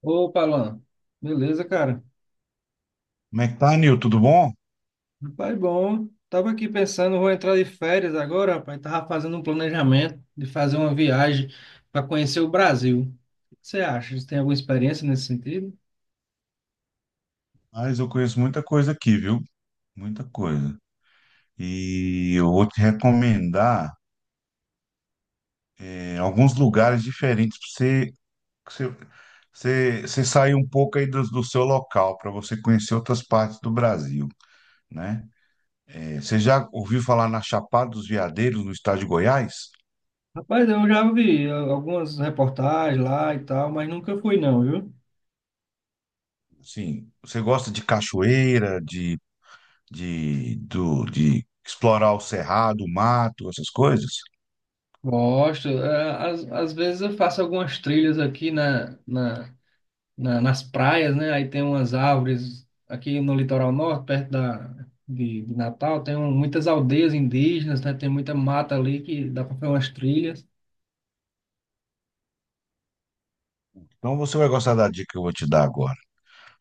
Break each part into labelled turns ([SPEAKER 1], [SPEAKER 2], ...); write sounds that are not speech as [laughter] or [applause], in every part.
[SPEAKER 1] Opa, Alan. Beleza, cara?
[SPEAKER 2] Como é que tá, Nil? Tudo bom?
[SPEAKER 1] Rapaz, bom. Tava aqui pensando, vou entrar de férias agora, rapaz. Tava fazendo um planejamento de fazer uma viagem para conhecer o Brasil. O que você acha? Você tem alguma experiência nesse sentido?
[SPEAKER 2] Mas eu conheço muita coisa aqui, viu? Muita coisa. E eu vou te recomendar alguns lugares diferentes para você, pra você, você sair um pouco aí do seu local, para você conhecer outras partes do Brasil, né? Você já ouviu falar na Chapada dos Veadeiros, no estado de Goiás?
[SPEAKER 1] Rapaz, eu já vi algumas reportagens lá e tal, mas nunca fui não, viu?
[SPEAKER 2] Sim. Você gosta de cachoeira, de explorar o cerrado, o mato, essas coisas?
[SPEAKER 1] Gosto. Às, às vezes eu faço algumas trilhas aqui nas praias, né? Aí tem umas árvores aqui no litoral norte, perto de Natal, muitas aldeias indígenas, né? Tem muita mata ali que dá para fazer umas trilhas.
[SPEAKER 2] Então você vai gostar da dica que eu vou te dar agora.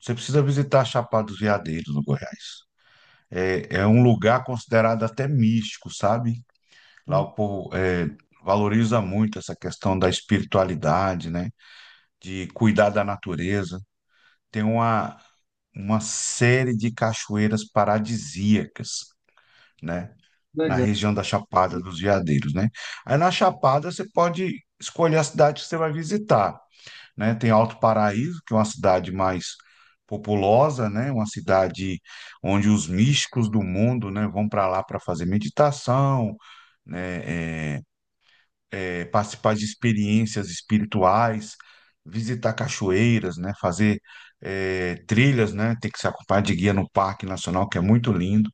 [SPEAKER 2] Você precisa visitar a Chapada dos Veadeiros, no Goiás. É um lugar considerado até místico, sabe? Lá
[SPEAKER 1] Hum.
[SPEAKER 2] o povo valoriza muito essa questão da espiritualidade, né? De cuidar da natureza. Tem uma série de cachoeiras paradisíacas, né? Na
[SPEAKER 1] Legal.
[SPEAKER 2] região da Chapada dos Veadeiros, né? Aí na Chapada você pode escolher a cidade que você vai visitar, né? Tem Alto Paraíso, que é uma cidade mais populosa, né? Uma cidade onde os místicos do mundo, né, vão para lá para fazer meditação, né, é, participar de experiências espirituais, visitar cachoeiras, né, fazer trilhas, né? Tem que se acompanhar de guia no Parque Nacional, que é muito lindo.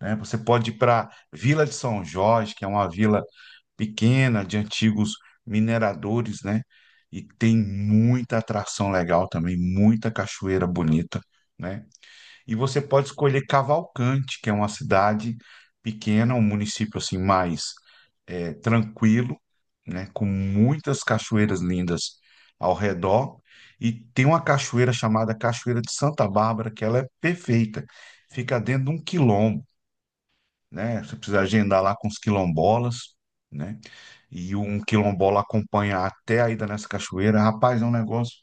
[SPEAKER 2] Né? Você pode ir para Vila de São Jorge, que é uma vila pequena de antigos mineradores, né? E tem muita atração legal também, muita cachoeira bonita, né? E você pode escolher Cavalcante, que é uma cidade pequena, um município assim mais tranquilo, né? Com muitas cachoeiras lindas ao redor. E tem uma cachoeira chamada Cachoeira de Santa Bárbara, que ela é perfeita. Fica dentro de um quilombo, né? Você precisa agendar lá com os quilombolas, né? E um quilombola acompanha até a ida nessa cachoeira. Rapaz, é um negócio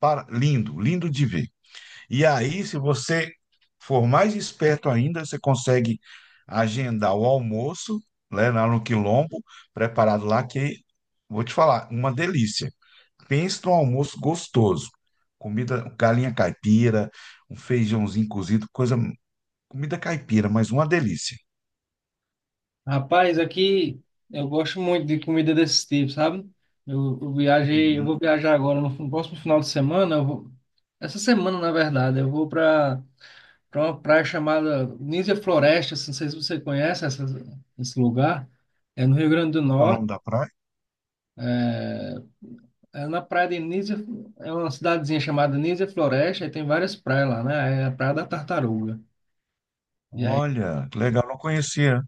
[SPEAKER 2] lindo, lindo de ver. E aí, se você for mais esperto ainda, você consegue agendar o almoço, né, lá no quilombo, preparado lá, que vou te falar, uma delícia. Pensa num almoço gostoso. Comida, galinha caipira, um feijãozinho cozido, coisa, comida caipira, mas uma delícia.
[SPEAKER 1] Rapaz, aqui eu gosto muito de comida desse tipo, sabe? Eu viajei, eu vou
[SPEAKER 2] Uhum.
[SPEAKER 1] viajar agora no próximo final de semana. Eu vou, essa semana, na verdade, eu vou para uma praia chamada Nísia Floresta. Não sei se você conhece esse lugar. É no Rio Grande do
[SPEAKER 2] Qual é o
[SPEAKER 1] Norte.
[SPEAKER 2] nome da praia?
[SPEAKER 1] é, Na praia de Nísia, é uma cidadezinha chamada Nísia Floresta, e tem várias praias lá, né? É a Praia da Tartaruga. E aí,
[SPEAKER 2] Olha, que legal, não conhecia.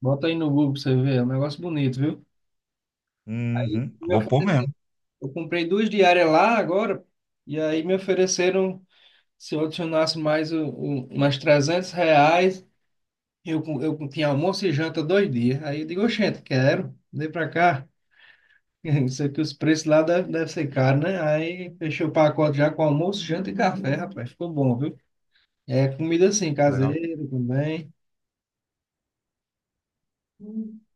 [SPEAKER 1] bota aí no Google pra você ver, é um negócio bonito, viu?
[SPEAKER 2] Uhum,
[SPEAKER 1] Me
[SPEAKER 2] vou pôr
[SPEAKER 1] ofereceram-
[SPEAKER 2] mesmo,
[SPEAKER 1] Eu comprei duas diárias lá agora, e aí me ofereceram, se eu adicionasse mais umas R$ 300, eu, tinha almoço e janta dois dias. Aí eu digo, oxente, quero, vem pra cá. [laughs] Isso aqui, os preços lá deve ser caro, né? Aí fechei o pacote já com almoço, janta e café, rapaz. Ficou bom, viu? É comida assim,
[SPEAKER 2] que
[SPEAKER 1] caseira
[SPEAKER 2] legal.
[SPEAKER 1] também.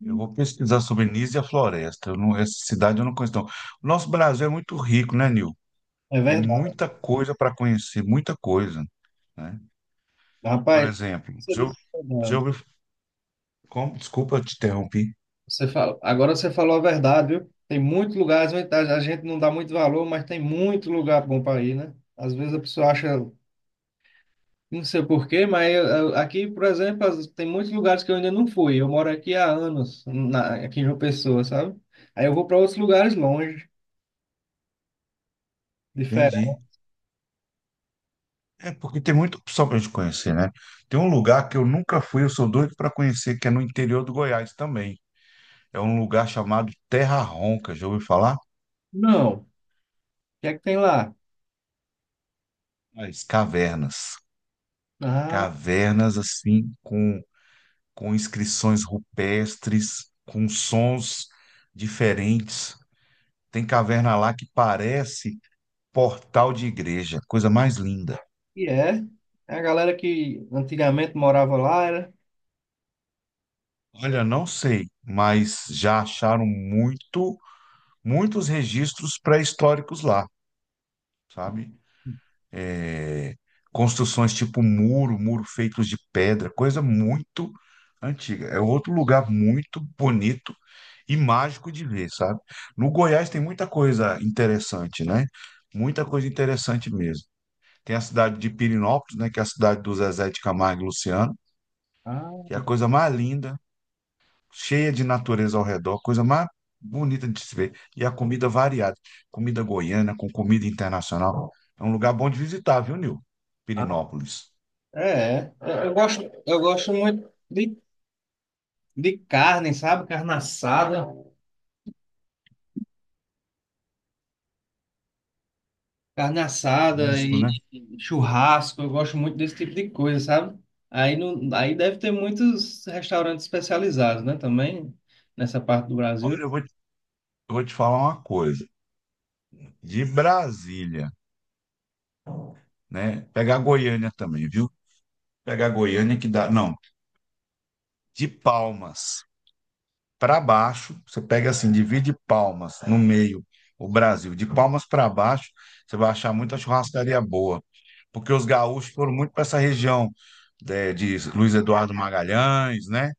[SPEAKER 2] Eu vou pesquisar sobre Nísia e a floresta. Eu não- Essa cidade eu não conheço, não. O nosso Brasil é muito rico, né, Nil?
[SPEAKER 1] É
[SPEAKER 2] Tem
[SPEAKER 1] verdade.
[SPEAKER 2] muita coisa para conhecer, muita coisa, né? Por
[SPEAKER 1] Rapaz,
[SPEAKER 2] exemplo,
[SPEAKER 1] você
[SPEAKER 2] se eu,
[SPEAKER 1] disse que é
[SPEAKER 2] se eu,
[SPEAKER 1] verdade.
[SPEAKER 2] como, desculpa, eu te interrompi.
[SPEAKER 1] Você fala, agora você falou a verdade, viu? Tem muitos lugares onde a gente não dá muito valor, mas tem muito lugar bom para ir, né? Às vezes a pessoa acha, não sei por quê, mas aqui, por exemplo, tem muitos lugares que eu ainda não fui. Eu moro aqui há anos, aqui em João Pessoa, sabe? Aí eu vou para outros lugares longe,
[SPEAKER 2] Entendi.
[SPEAKER 1] diferente.
[SPEAKER 2] É porque tem muita opção para a gente conhecer, né? Tem um lugar que eu nunca fui, eu sou doido para conhecer, que é no interior do Goiás também. É um lugar chamado Terra Ronca. Já ouviu falar?
[SPEAKER 1] Não. O que é que tem lá?
[SPEAKER 2] Mas cavernas.
[SPEAKER 1] Ah,
[SPEAKER 2] Cavernas assim, com inscrições rupestres, com sons diferentes. Tem caverna lá que parece portal de igreja, coisa mais linda.
[SPEAKER 1] e é. É a galera que antigamente morava lá, era.
[SPEAKER 2] Olha, não sei, mas já acharam muitos registros pré-históricos lá, sabe? É, Construções tipo muro, muro feitos de pedra, coisa muito antiga. É outro lugar muito bonito e mágico de ver, sabe? No Goiás tem muita coisa interessante, né? Muita coisa interessante mesmo. Tem a cidade de Pirinópolis, né? Que é a cidade do Zezé de Camargo e Luciano,
[SPEAKER 1] Ah,
[SPEAKER 2] que é a coisa mais linda, cheia de natureza ao redor, coisa mais bonita de se ver. E a comida variada, comida goiana com comida internacional. É um lugar bom de visitar, viu, Nil? Pirinópolis.
[SPEAKER 1] é, é. Eu gosto muito de carne, sabe? Carne assada
[SPEAKER 2] Rústico,
[SPEAKER 1] e
[SPEAKER 2] né?
[SPEAKER 1] e churrasco, eu gosto muito desse tipo de coisa, sabe? Aí, não, Aí deve ter muitos restaurantes especializados, né? Também nessa parte do
[SPEAKER 2] Olha,
[SPEAKER 1] Brasil.
[SPEAKER 2] eu vou te falar uma coisa. De Brasília, né? Pegar Goiânia também, viu? Pegar Goiânia que dá. Não, de Palmas para baixo, você pega assim, divide Palmas no meio, o Brasil, de Palmas para baixo, você vai achar muita churrascaria boa, porque os gaúchos foram muito para essa região, né, de Luiz Eduardo Magalhães, né?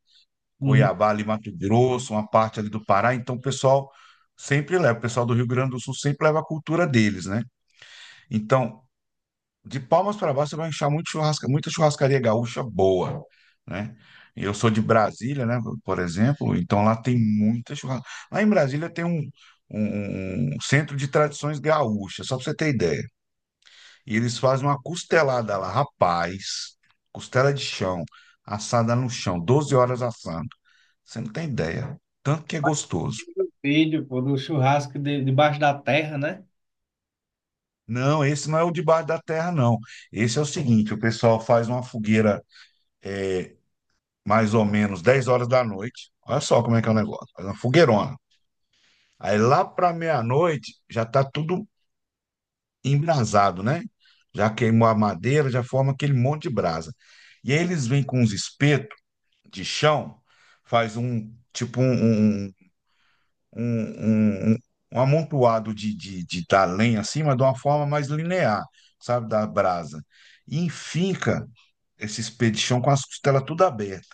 [SPEAKER 1] Uhum.
[SPEAKER 2] Cuiabá, ali, Mato Grosso, uma parte ali do Pará, então o pessoal sempre leva, o pessoal do Rio Grande do Sul sempre leva a cultura deles, né? Então, de Palmas para baixo, você vai achar muito churrasca, muita churrascaria gaúcha boa, né? E eu sou de Brasília, né, por exemplo, então lá tem muita churrasca. Lá em Brasília tem um centro de tradições gaúchas, só para você ter ideia. E eles fazem uma costelada lá, rapaz, costela de chão, assada no chão, 12 horas assando. Você não tem ideia, tanto que é gostoso.
[SPEAKER 1] Filho, pô, do churrasco debaixo da terra, né?
[SPEAKER 2] Não, esse não é o de baixo da terra, não. Esse é o seguinte, o pessoal faz uma fogueira, é, mais ou menos 10 horas da noite. Olha só como é que é o negócio. Faz uma fogueirona. Aí lá para meia-noite já tá tudo embrasado, né? Já queimou a madeira, já forma aquele monte de brasa. E aí eles vêm com uns espetos de chão, faz um tipo um, um, um um, um amontoado de da lenha assim, mas de uma forma mais linear, sabe, da brasa. E enfinca esse espeto de chão com as costelas tudo abertas,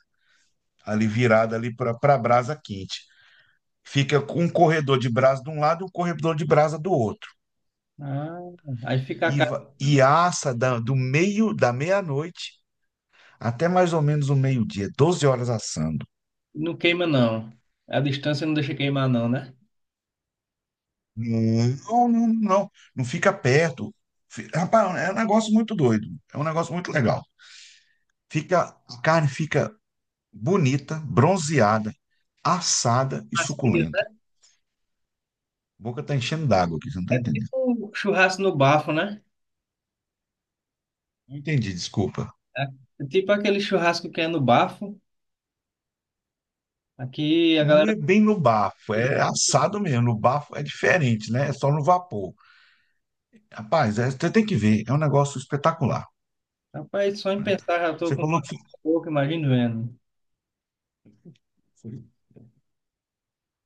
[SPEAKER 2] ali virada ali para a brasa quente. Fica com um corredor de brasa de um lado e um corredor de brasa do outro.
[SPEAKER 1] Ah, aí fica a carne,
[SPEAKER 2] E do meio da meia-noite até mais ou menos o meio-dia, 12 horas assando.
[SPEAKER 1] não queima não. A distância não deixa queimar não, né?
[SPEAKER 2] Não, não, não. Não fica perto. Rapaz, é um negócio muito doido. É um negócio muito legal. A carne fica bonita, bronzeada, assada e
[SPEAKER 1] Macia,
[SPEAKER 2] suculenta.
[SPEAKER 1] né?
[SPEAKER 2] A boca tá enchendo d'água aqui, você não tá
[SPEAKER 1] É
[SPEAKER 2] entendendo.
[SPEAKER 1] tipo um churrasco no bafo, né?
[SPEAKER 2] Não entendi, desculpa.
[SPEAKER 1] É tipo aquele churrasco que é no bafo. Aqui a
[SPEAKER 2] Não
[SPEAKER 1] galera,
[SPEAKER 2] é bem no bafo, é assado mesmo. No bafo é diferente, né? É só no vapor. Rapaz, você tem que ver, é um negócio espetacular,
[SPEAKER 1] rapaz, só em
[SPEAKER 2] né?
[SPEAKER 1] pensar já tô
[SPEAKER 2] Você
[SPEAKER 1] com
[SPEAKER 2] falou que.
[SPEAKER 1] pouco, imagino vendo.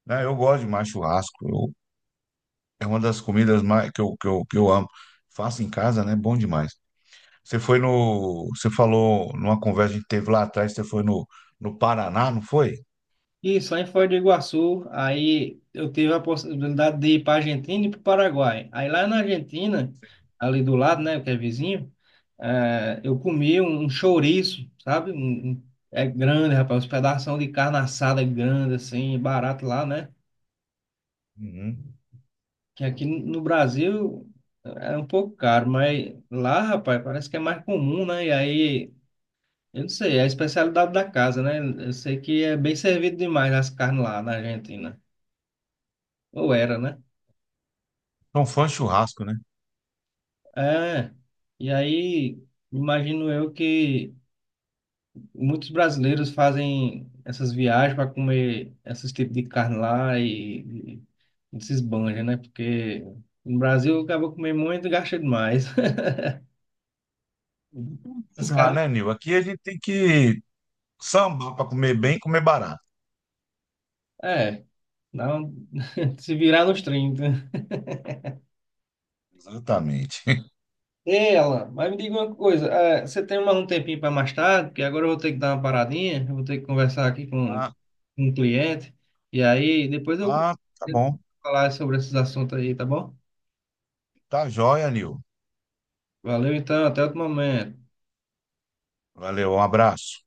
[SPEAKER 2] Né, eu gosto de mais churrasco, é uma das comidas mais, que eu amo. Faço em casa, né? Bom demais. Você foi no. Você falou numa conversa que a gente teve lá atrás, você foi no Paraná, não foi?
[SPEAKER 1] E só em Foz do Iguaçu, aí eu tive a possibilidade de ir para Argentina e para o Paraguai. Aí lá na Argentina,
[SPEAKER 2] Sim.
[SPEAKER 1] ali do lado, né, que é vizinho, é, eu comi um chouriço, sabe? É grande, rapaz, uns pedaços de carne assada grande, assim, barato lá, né?
[SPEAKER 2] Uhum.
[SPEAKER 1] Que aqui no Brasil é um pouco caro, mas lá, rapaz, parece que é mais comum, né? E aí, eu não sei, é a especialidade da casa, né? Eu sei que é bem servido demais as carnes lá na Argentina. Ou era, né?
[SPEAKER 2] São fãs de churrasco, né?
[SPEAKER 1] É. E aí, imagino eu que muitos brasileiros fazem essas viagens para comer esses tipos de carne lá e, se esbanja, né? Porque no Brasil acaba comendo muito e gasta demais. [laughs] Essas
[SPEAKER 2] Dá, né,
[SPEAKER 1] carnes.
[SPEAKER 2] Nil? Aqui a gente tem que sambar para comer bem e comer barato.
[SPEAKER 1] É. Não, [laughs] se virar nos 30.
[SPEAKER 2] Exatamente. [laughs]
[SPEAKER 1] Ei, Alan, mas me diga uma coisa, você tem mais um tempinho para mais tarde? Porque agora eu vou ter que dar uma paradinha, eu vou ter que conversar aqui com
[SPEAKER 2] Ah,
[SPEAKER 1] um cliente, e aí depois eu vou
[SPEAKER 2] ah, tá bom.
[SPEAKER 1] falar sobre esses assuntos aí, tá bom?
[SPEAKER 2] Tá joia, Nil.
[SPEAKER 1] Valeu então, até outro momento.
[SPEAKER 2] Valeu, um abraço.